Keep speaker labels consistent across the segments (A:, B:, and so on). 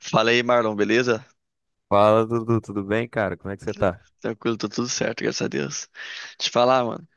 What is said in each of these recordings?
A: Fala aí, Marlon, beleza?
B: Fala, Dudu, tudo bem, cara? Como é que você tá?
A: Tranquilo, tô tudo certo, graças a Deus. Te falar, mano,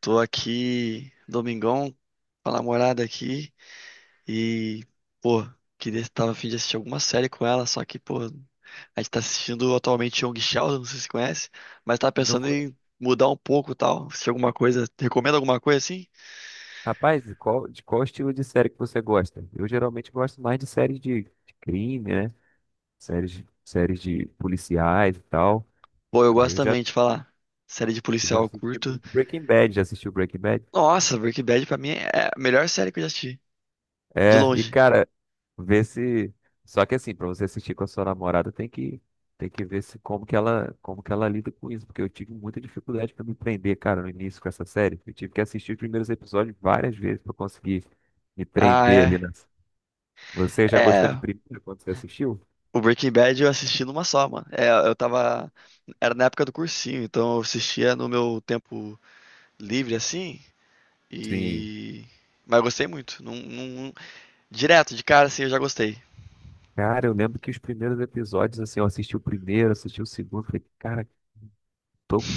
A: tô aqui, domingão, com a namorada aqui e, pô, tava a fim de assistir alguma série com ela, só que, pô, a gente tá assistindo atualmente Young Sheldon, não sei se você conhece, mas tava
B: Não
A: pensando
B: co-
A: em mudar um pouco e tal, se alguma coisa, recomenda alguma coisa assim?
B: Rapaz, de qual estilo de série que você gosta? Eu geralmente gosto mais de séries de crime, né? Séries, séries de policiais e tal.
A: Pô, eu
B: Aí
A: gosto
B: eu já,
A: também de falar, série de
B: eu já
A: policial eu
B: assisti
A: curto.
B: Breaking Bad, já assistiu Breaking Bad?
A: Nossa, Breaking Bad pra mim é a melhor série que eu já assisti, de
B: É, e
A: longe.
B: cara, ver se. Só que assim, pra você assistir com a sua namorada, tem que ver se como que ela como que ela lida com isso, porque eu tive muita dificuldade pra me prender, cara, no início com essa série. Eu tive que assistir os primeiros episódios várias vezes pra conseguir me
A: Ah,
B: prender ali
A: é.
B: na. Você já gostou de
A: É,
B: primeiro quando você assistiu?
A: o Breaking Bad eu assisti numa só, mano. É, eu tava. Era na época do cursinho, então eu assistia no meu tempo livre, assim.
B: Sim.
A: E. Mas eu gostei muito. Direto, de cara, assim, eu já gostei.
B: Cara, eu lembro que os primeiros episódios, assim, eu assisti o primeiro, assisti o segundo, falei, cara, tô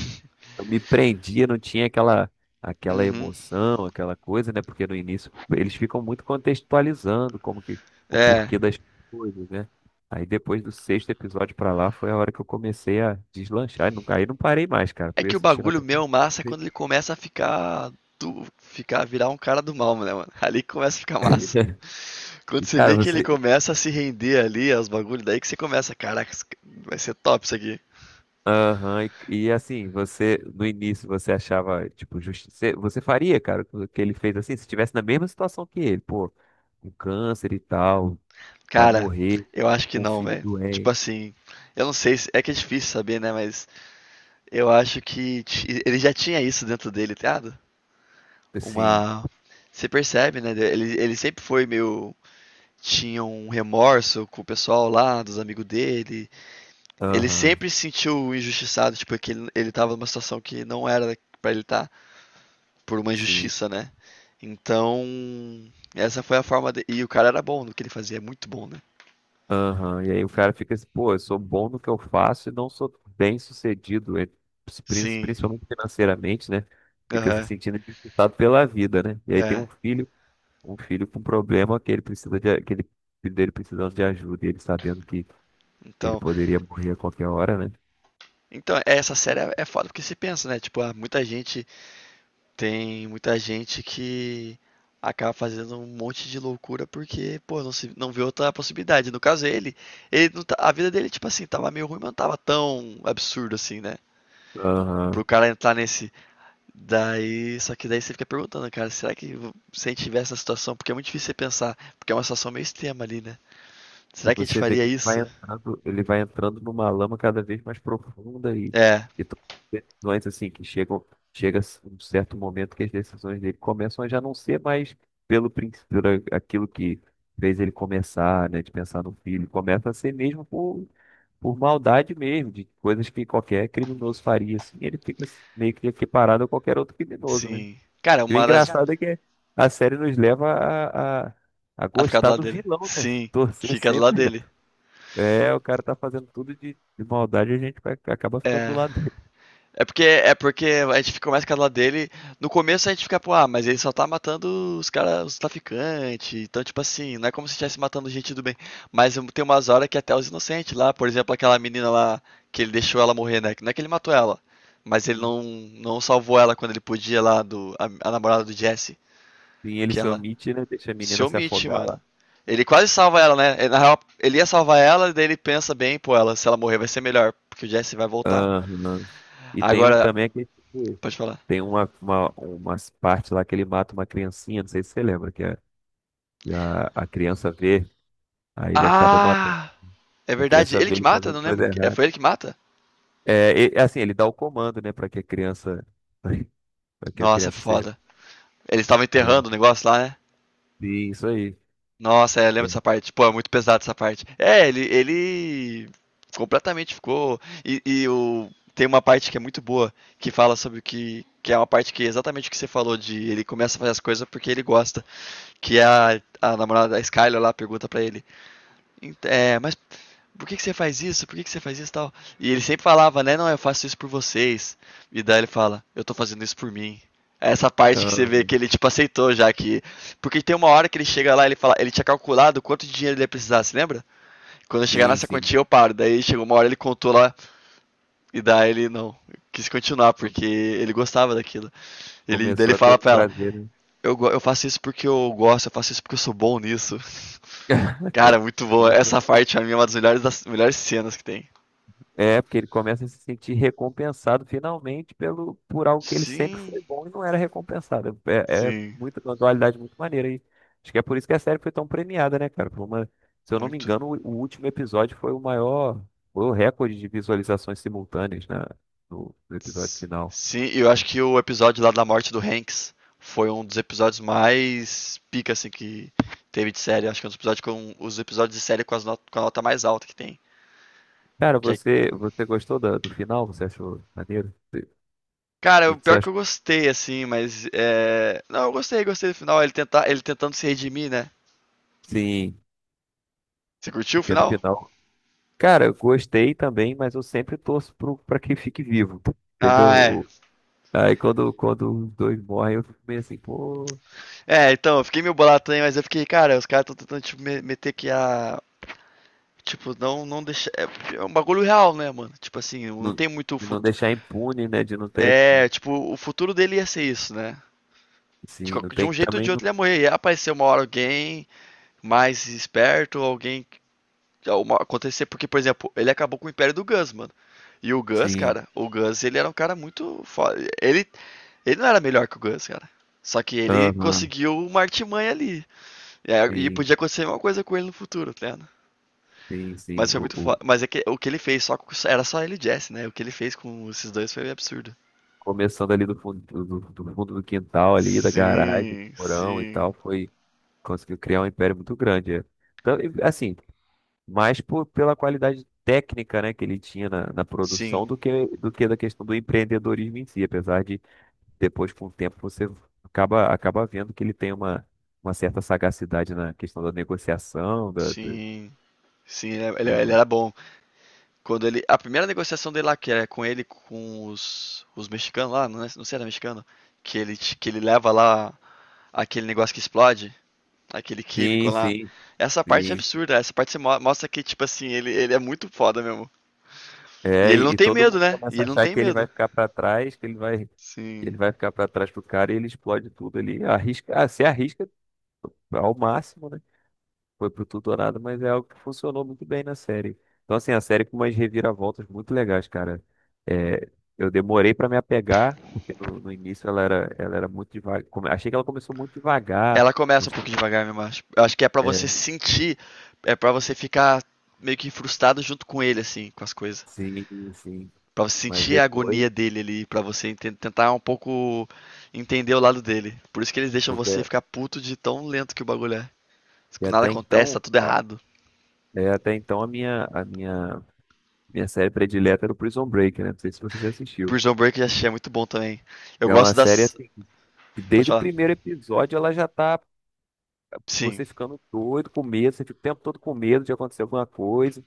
B: eu me prendia, não tinha aquela
A: Uhum.
B: emoção, aquela coisa, né? Porque no início eles ficam muito contextualizando como que o
A: É.
B: porquê das coisas, né? Aí depois do sexto episódio pra lá foi a hora que eu comecei a deslanchar, e nunca aí não parei mais, cara.
A: É
B: Fui
A: que o
B: assistindo
A: bagulho
B: até
A: meu massa é quando ele começa a ficar. Ficar, virar um cara do mal, né, mano? Ali que começa a ficar massa. Quando
B: e,
A: você
B: cara,
A: vê que ele
B: você.
A: começa a se render ali aos bagulhos, daí que você começa, caraca, vai ser top isso aqui.
B: Aham, assim, você, no início, você achava, tipo, Você faria, cara, o que ele fez assim, se estivesse na mesma situação que ele, pô, com câncer e tal, vai
A: Cara,
B: morrer,
A: eu acho que
B: com um
A: não,
B: filho
A: velho. Tipo
B: doente.
A: assim, eu não sei se. É que é difícil saber, né? Mas eu acho que ele já tinha isso dentro dele, tá ligado?
B: Sim,
A: Uma. Você percebe, né? Ele sempre foi meio. Tinha um remorso com o pessoal lá, dos amigos dele. Ele
B: aham,
A: sempre se sentiu injustiçado, tipo, é que ele tava numa situação que não era pra ele estar, por uma
B: sim,
A: injustiça, né? Então, essa foi a forma de... E o cara era bom no que ele fazia, muito bom, né?
B: aham. E aí o cara fica assim, pô, eu sou bom no que eu faço e não sou bem sucedido, e
A: Sim,
B: principalmente financeiramente, né? Fica se
A: aham,
B: sentindo dificultado pela vida, né? E aí tem
A: é.
B: um filho com problema que ele precisa de, que ele, filho dele precisando de ajuda, e ele sabendo que ele
A: Então,
B: poderia morrer a qualquer hora, né?
A: Então, essa série é foda porque se pensa, né? Tipo, ah, muita gente tem muita gente que acaba fazendo um monte de loucura porque, pô, não se não vê outra possibilidade. No caso ele, não tá- a vida dele tipo assim, tava meio ruim, mas não tava tão absurdo assim, né? Pro
B: Aham.
A: cara entrar nesse daí, só que daí você fica perguntando, cara, será que se a gente tivesse essa situação, porque é muito difícil você pensar, porque é uma situação meio extrema ali, né?
B: E
A: Será que a gente
B: você vê
A: faria
B: que
A: isso?
B: ele vai entrando numa lama cada vez mais profunda e,
A: É,
B: e to- decisões assim que chegam, chega um certo momento que as decisões dele começam a já não ser mais pelo aquilo que fez ele começar, né, de pensar no filho, começa a ser mesmo por maldade mesmo, de coisas que qualquer criminoso faria assim, ele fica meio que equiparado a qualquer outro criminoso, né?
A: sim. Cara,
B: E o
A: uma das
B: engraçado é que a série nos leva a
A: a ficar do
B: gostar
A: lado
B: do
A: dele.
B: vilão, né?
A: Sim,
B: Torcer
A: fica do lado
B: sempre
A: dele.
B: é, o cara tá fazendo tudo de maldade e acaba ficando do
A: É.
B: lado dele.
A: É porque a gente fica mais calado dele. No começo a gente fica, pô, ah, mas ele só tá matando os caras, os traficantes. Então, tipo assim, não é como se estivesse matando gente do bem. Mas tem umas horas que até os inocentes lá, por exemplo, aquela menina lá que ele deixou ela morrer, né? Que não é que ele matou ela, mas ele não salvou ela quando ele podia lá, do, a namorada do Jesse.
B: Sim, ele
A: Que
B: se
A: ela
B: omite, né? Deixa a
A: se
B: menina se
A: omite,
B: afogar
A: mano.
B: lá.
A: Ele quase salva ela, né? Na real, ele ia salvar ela, daí ele pensa bem, pô, ela, se ela morrer vai ser melhor, porque o Jesse vai voltar.
B: Aham. E tem um,
A: Agora,
B: também que tipo,
A: pode falar.
B: tem umas partes lá que ele mata uma criancinha, não sei se você lembra, que a criança vê, aí ele acaba matando.
A: Ah! É
B: A
A: verdade.
B: criança
A: Ele
B: vê
A: que
B: ele
A: mata?
B: fazendo
A: Não
B: coisa
A: lembro. É,
B: errada.
A: foi ele que mata?
B: Assim, ele dá o comando, né, para que a criança, para que a
A: Nossa, é
B: criança seja.
A: foda. Eles estavam enterrando o negócio lá, né?
B: Sim, isso aí.
A: Nossa, é, eu lembro
B: É.
A: dessa parte. Pô, é muito pesado essa parte. É, ele completamente ficou. E o... tem uma parte que é muito boa, que fala sobre o que. Que é uma parte que é exatamente o que você falou, de ele começa a fazer as coisas porque ele gosta. Que é a namorada da Skyler lá pergunta pra ele. É, mas por que, que você faz isso? Por que, que você faz isso tal? E ele sempre falava, né? Não, eu faço isso por vocês. E daí ele fala, eu tô fazendo isso por mim. É essa parte que você vê que
B: Aham.
A: ele, tipo, aceitou já que. Porque tem uma hora que ele chega lá, ele fala, ele tinha calculado quanto de dinheiro ele ia precisar, se lembra? Quando eu chegar
B: Sim,
A: nessa
B: sim.
A: quantia eu paro. Daí chegou uma hora ele contou lá, e daí ele não quis continuar, porque ele gostava daquilo. Ele, daí
B: Começou
A: ele
B: a ter o
A: fala pra ela,
B: prazer, né?
A: eu faço isso porque eu gosto, eu faço isso porque eu sou bom nisso.
B: Co-
A: Cara, muito bom.
B: começou a
A: Essa
B: se-
A: parte pra mim é uma das melhores cenas que tem.
B: É, porque ele começa a se sentir recompensado finalmente pelo, por algo que ele sempre
A: Sim,
B: foi bom e não era recompensado. É, é
A: sim,
B: muita uma dualidade muito maneira aí. Acho que é por isso que a série foi tão premiada, né, cara? Se eu não me
A: muito.
B: engano, o último episódio foi o maior, foi o recorde de visualizações simultâneas, né, no episódio final.
A: Sim, eu acho que o episódio lá da morte do Hanks foi um dos episódios mais pica, assim, que teve de série. Acho que é um dos episódios com os episódios de série com, as not com a nota mais alta que tem.
B: Cara,
A: Que é-
B: você gostou do final? Você achou maneiro? O
A: cara,
B: que
A: o
B: que você
A: pior que eu
B: achou?
A: gostei, assim, mas. É... Não, eu gostei, gostei do final. Ele, tenta ele tentando se redimir, né?
B: Sim,
A: Você curtiu o
B: porque no
A: final?
B: final. Cara, eu gostei também, mas eu sempre torço pra quem fique vivo,
A: Ah,
B: entendeu?
A: é.
B: Aí quando os dois morrem, eu fico meio assim, pô,
A: É, então, eu fiquei meio bolado também, mas eu fiquei, cara, os caras estão tentando, tipo, meter que a. Tipo, não, não deixar. É porque é um bagulho real, né, mano? Tipo assim, não
B: não-
A: tem muito
B: de não
A: futu-
B: deixar impune, né? De não ter,
A: É, tipo, o futuro dele ia ser isso, né? De,
B: sim, não
A: de
B: tem
A: um
B: que
A: jeito ou
B: também,
A: de
B: não,
A: outro ele ia morrer. Ia aparecer uma hora alguém mais esperto, alguém. Que- Uma, acontecer, porque, por exemplo, ele acabou com o Império do Gus, mano. E o Gus,
B: sim,
A: cara, o Gus, ele era um cara muito foda. Ele não era melhor que o Gus, cara. Só que ele
B: aham,
A: conseguiu uma artimanha ali. E, e
B: sim,
A: podia acontecer uma coisa com ele no futuro, tá ligado?
B: sim,
A: Mas
B: sim,
A: foi muito foda. Mas é que o que ele fez era só ele e Jesse, né? O que ele fez com esses dois foi absurdo.
B: começando ali do fundo do fundo do quintal ali, da garagem, do
A: Sim,
B: porão e
A: sim,
B: tal, foi, conseguiu criar um império muito grande, é. Então, e, assim, mais pela qualidade técnica, né, que ele tinha na
A: sim.
B: produção do que da questão do empreendedorismo em si, apesar de depois, com o tempo, você acaba vendo que ele tem uma certa sagacidade na questão da negociação,
A: Sim, sim, ele, ele-
B: de
A: ele
B: uma-
A: era bom. Quando ele, a primeira negociação dele lá, que é com ele, com os mexicanos lá, não, não sei se era mexicano, que ele, que ele leva lá aquele negócio que explode, aquele químico
B: Sim,
A: lá.
B: sim,
A: Essa parte é
B: sim.
A: absurda, essa parte você mostra que, tipo assim, ele é muito foda mesmo. E
B: É,
A: ele não
B: e
A: tem
B: todo
A: medo,
B: mundo
A: né? E
B: começa a
A: ele não
B: achar
A: tem
B: que ele vai
A: medo.
B: ficar para trás, que
A: Sim.
B: ele vai ficar para trás pro cara e ele explode tudo ali, arrisca, ah, se arrisca ao máximo, né? Foi pro tudo ou nada, mas é algo que funcionou muito bem na série. Então, assim, a série com umas reviravoltas muito legais, cara. É, eu demorei pra me apegar, porque no início ela era muito devagar. Achei que ela começou muito devagar.
A: Ela começa um
B: uns-
A: pouco devagar mesmo, acho. Eu acho que é pra você
B: É,
A: sentir, é pra você ficar meio que frustrado junto com ele, assim, com as coisas.
B: sim, sim.
A: Pra você
B: Mas
A: sentir a agonia
B: depois,
A: dele ali, pra você tentar um pouco entender o lado dele. Por isso que eles deixam você
B: porque
A: ficar puto de tão lento que o bagulho é.
B: e
A: Nada
B: até
A: acontece, tá
B: então,
A: tudo
B: a-
A: errado.
B: é, até então minha série predileta era o Prison Break, né? Não sei se você já assistiu.
A: Prison Break eu já achei é muito bom também. Eu
B: É uma
A: gosto
B: série
A: das.
B: assim, que
A: Pode
B: desde o
A: falar?
B: primeiro episódio ela já tá
A: Sim.
B: você ficando doido, com medo, você fica o tempo todo com medo de acontecer alguma coisa,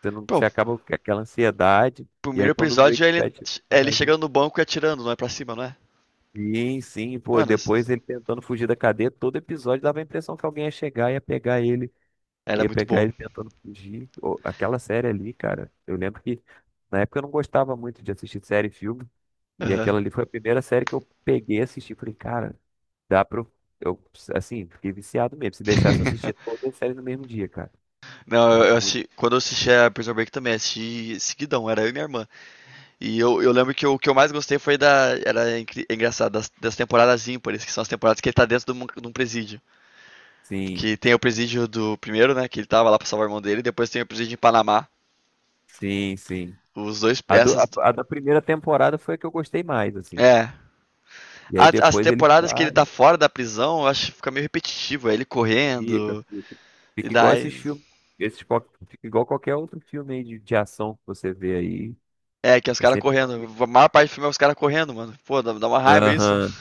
B: você, não,
A: Pô, o
B: você acaba com aquela ansiedade, e
A: primeiro
B: aí quando o
A: episódio
B: Breaking Bad chega
A: é ele chegando no banco e atirando, não é pra cima, não é?
B: Sim, sim, pô,
A: Mano,
B: depois ele tentando fugir da cadeia, todo episódio dava a impressão que alguém ia chegar e
A: era
B: ia
A: muito
B: pegar
A: bom.
B: ele tentando fugir. Ô, aquela série ali, cara, eu lembro que na época eu não gostava muito de assistir série e filme, e
A: Aham.
B: aquela ali foi a primeira série que eu peguei e assisti, falei, cara, dá pra eu, assim, fiquei viciado mesmo, se deixasse eu assistir toda a série no mesmo dia, cara.
A: Não,
B: Era
A: eu
B: muito.
A: assisti. Quando eu assisti a Prison Break também, assisti seguidão, era eu e minha irmã. E eu lembro que o que eu mais gostei foi da. Era engraçado, das temporadas ímpares, que são as temporadas que ele tá dentro de um presídio.
B: Sim,
A: Que tem o presídio do primeiro, né? Que ele tava lá pra salvar o irmão dele, e depois tem o presídio em Panamá.
B: sim, sim.
A: Os dois.
B: A,
A: Essas.
B: a da primeira temporada foi a que eu gostei mais, assim.
A: É.
B: E aí
A: As
B: depois ele
A: temporadas que ele tá
B: sai,
A: fora da prisão, eu acho que fica meio repetitivo. É ele correndo,
B: fica.
A: e
B: Fica igual
A: daí.
B: esses filmes. Esses, fica igual qualquer outro filme aí de ação que você vê aí.
A: É, que é os
B: É
A: caras
B: sempre.
A: correndo. A maior parte do filme é os caras correndo, mano. Pô, dá uma raiva isso.
B: Aham.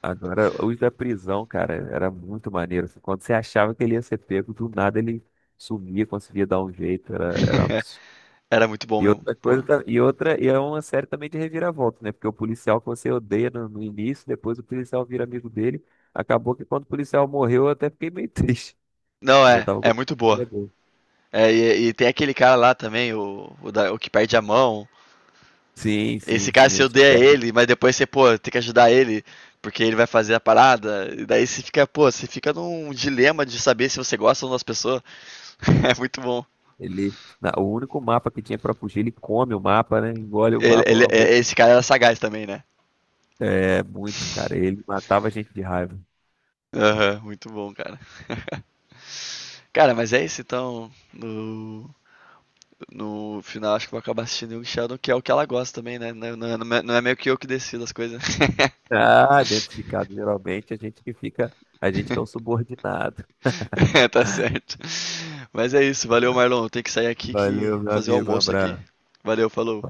B: Agora, os da prisão, cara, era muito maneiro, assim. Quando você achava que ele ia ser pego, do nada ele sumia, conseguia dar um jeito. Era um absurdo.
A: Era muito bom
B: E
A: mesmo,
B: outra coisa,
A: porra.
B: e é uma série também de reviravolta, né? Porque o policial que você odeia no início, depois o policial vira amigo dele. Acabou que quando o policial morreu, eu até fiquei meio triste.
A: Não,
B: Eu já
A: é,
B: tava com
A: é muito
B: ele é
A: boa.
B: doido.
A: É, e tem aquele cara lá também, o, o que perde a mão.
B: Sim,
A: Esse
B: sim,
A: cara
B: sim.
A: se
B: O
A: odeia
B: Spag,
A: ele, mas depois você, pô, tem que ajudar ele, porque ele vai fazer a parada. E daí você fica, pô, você fica num dilema de saber se você gosta ou não das pessoas. É muito bom.
B: o único mapa que tinha pra fugir, ele come o mapa, né? Engole o mapa uma vez.
A: Esse cara era sagaz também, né?
B: É, muito, cara. Ele matava a gente de raiva.
A: Aham, uhum, muito bom, cara. Cara, mas é isso então. No, no final, acho que eu vou acabar assistindo Young Sheldon, que é o que ela gosta também, né? Não, é, é não é meio que eu que decido as coisas.
B: Ah, dentro de casa, geralmente, a gente que fica, a gente que é um subordinado.
A: É, tá certo. Mas é isso, valeu,
B: Né?
A: Marlon. Tem que sair aqui que
B: Valeu, meu
A: fazer o
B: amigo. Um
A: almoço aqui.
B: abraço.
A: Valeu, falou.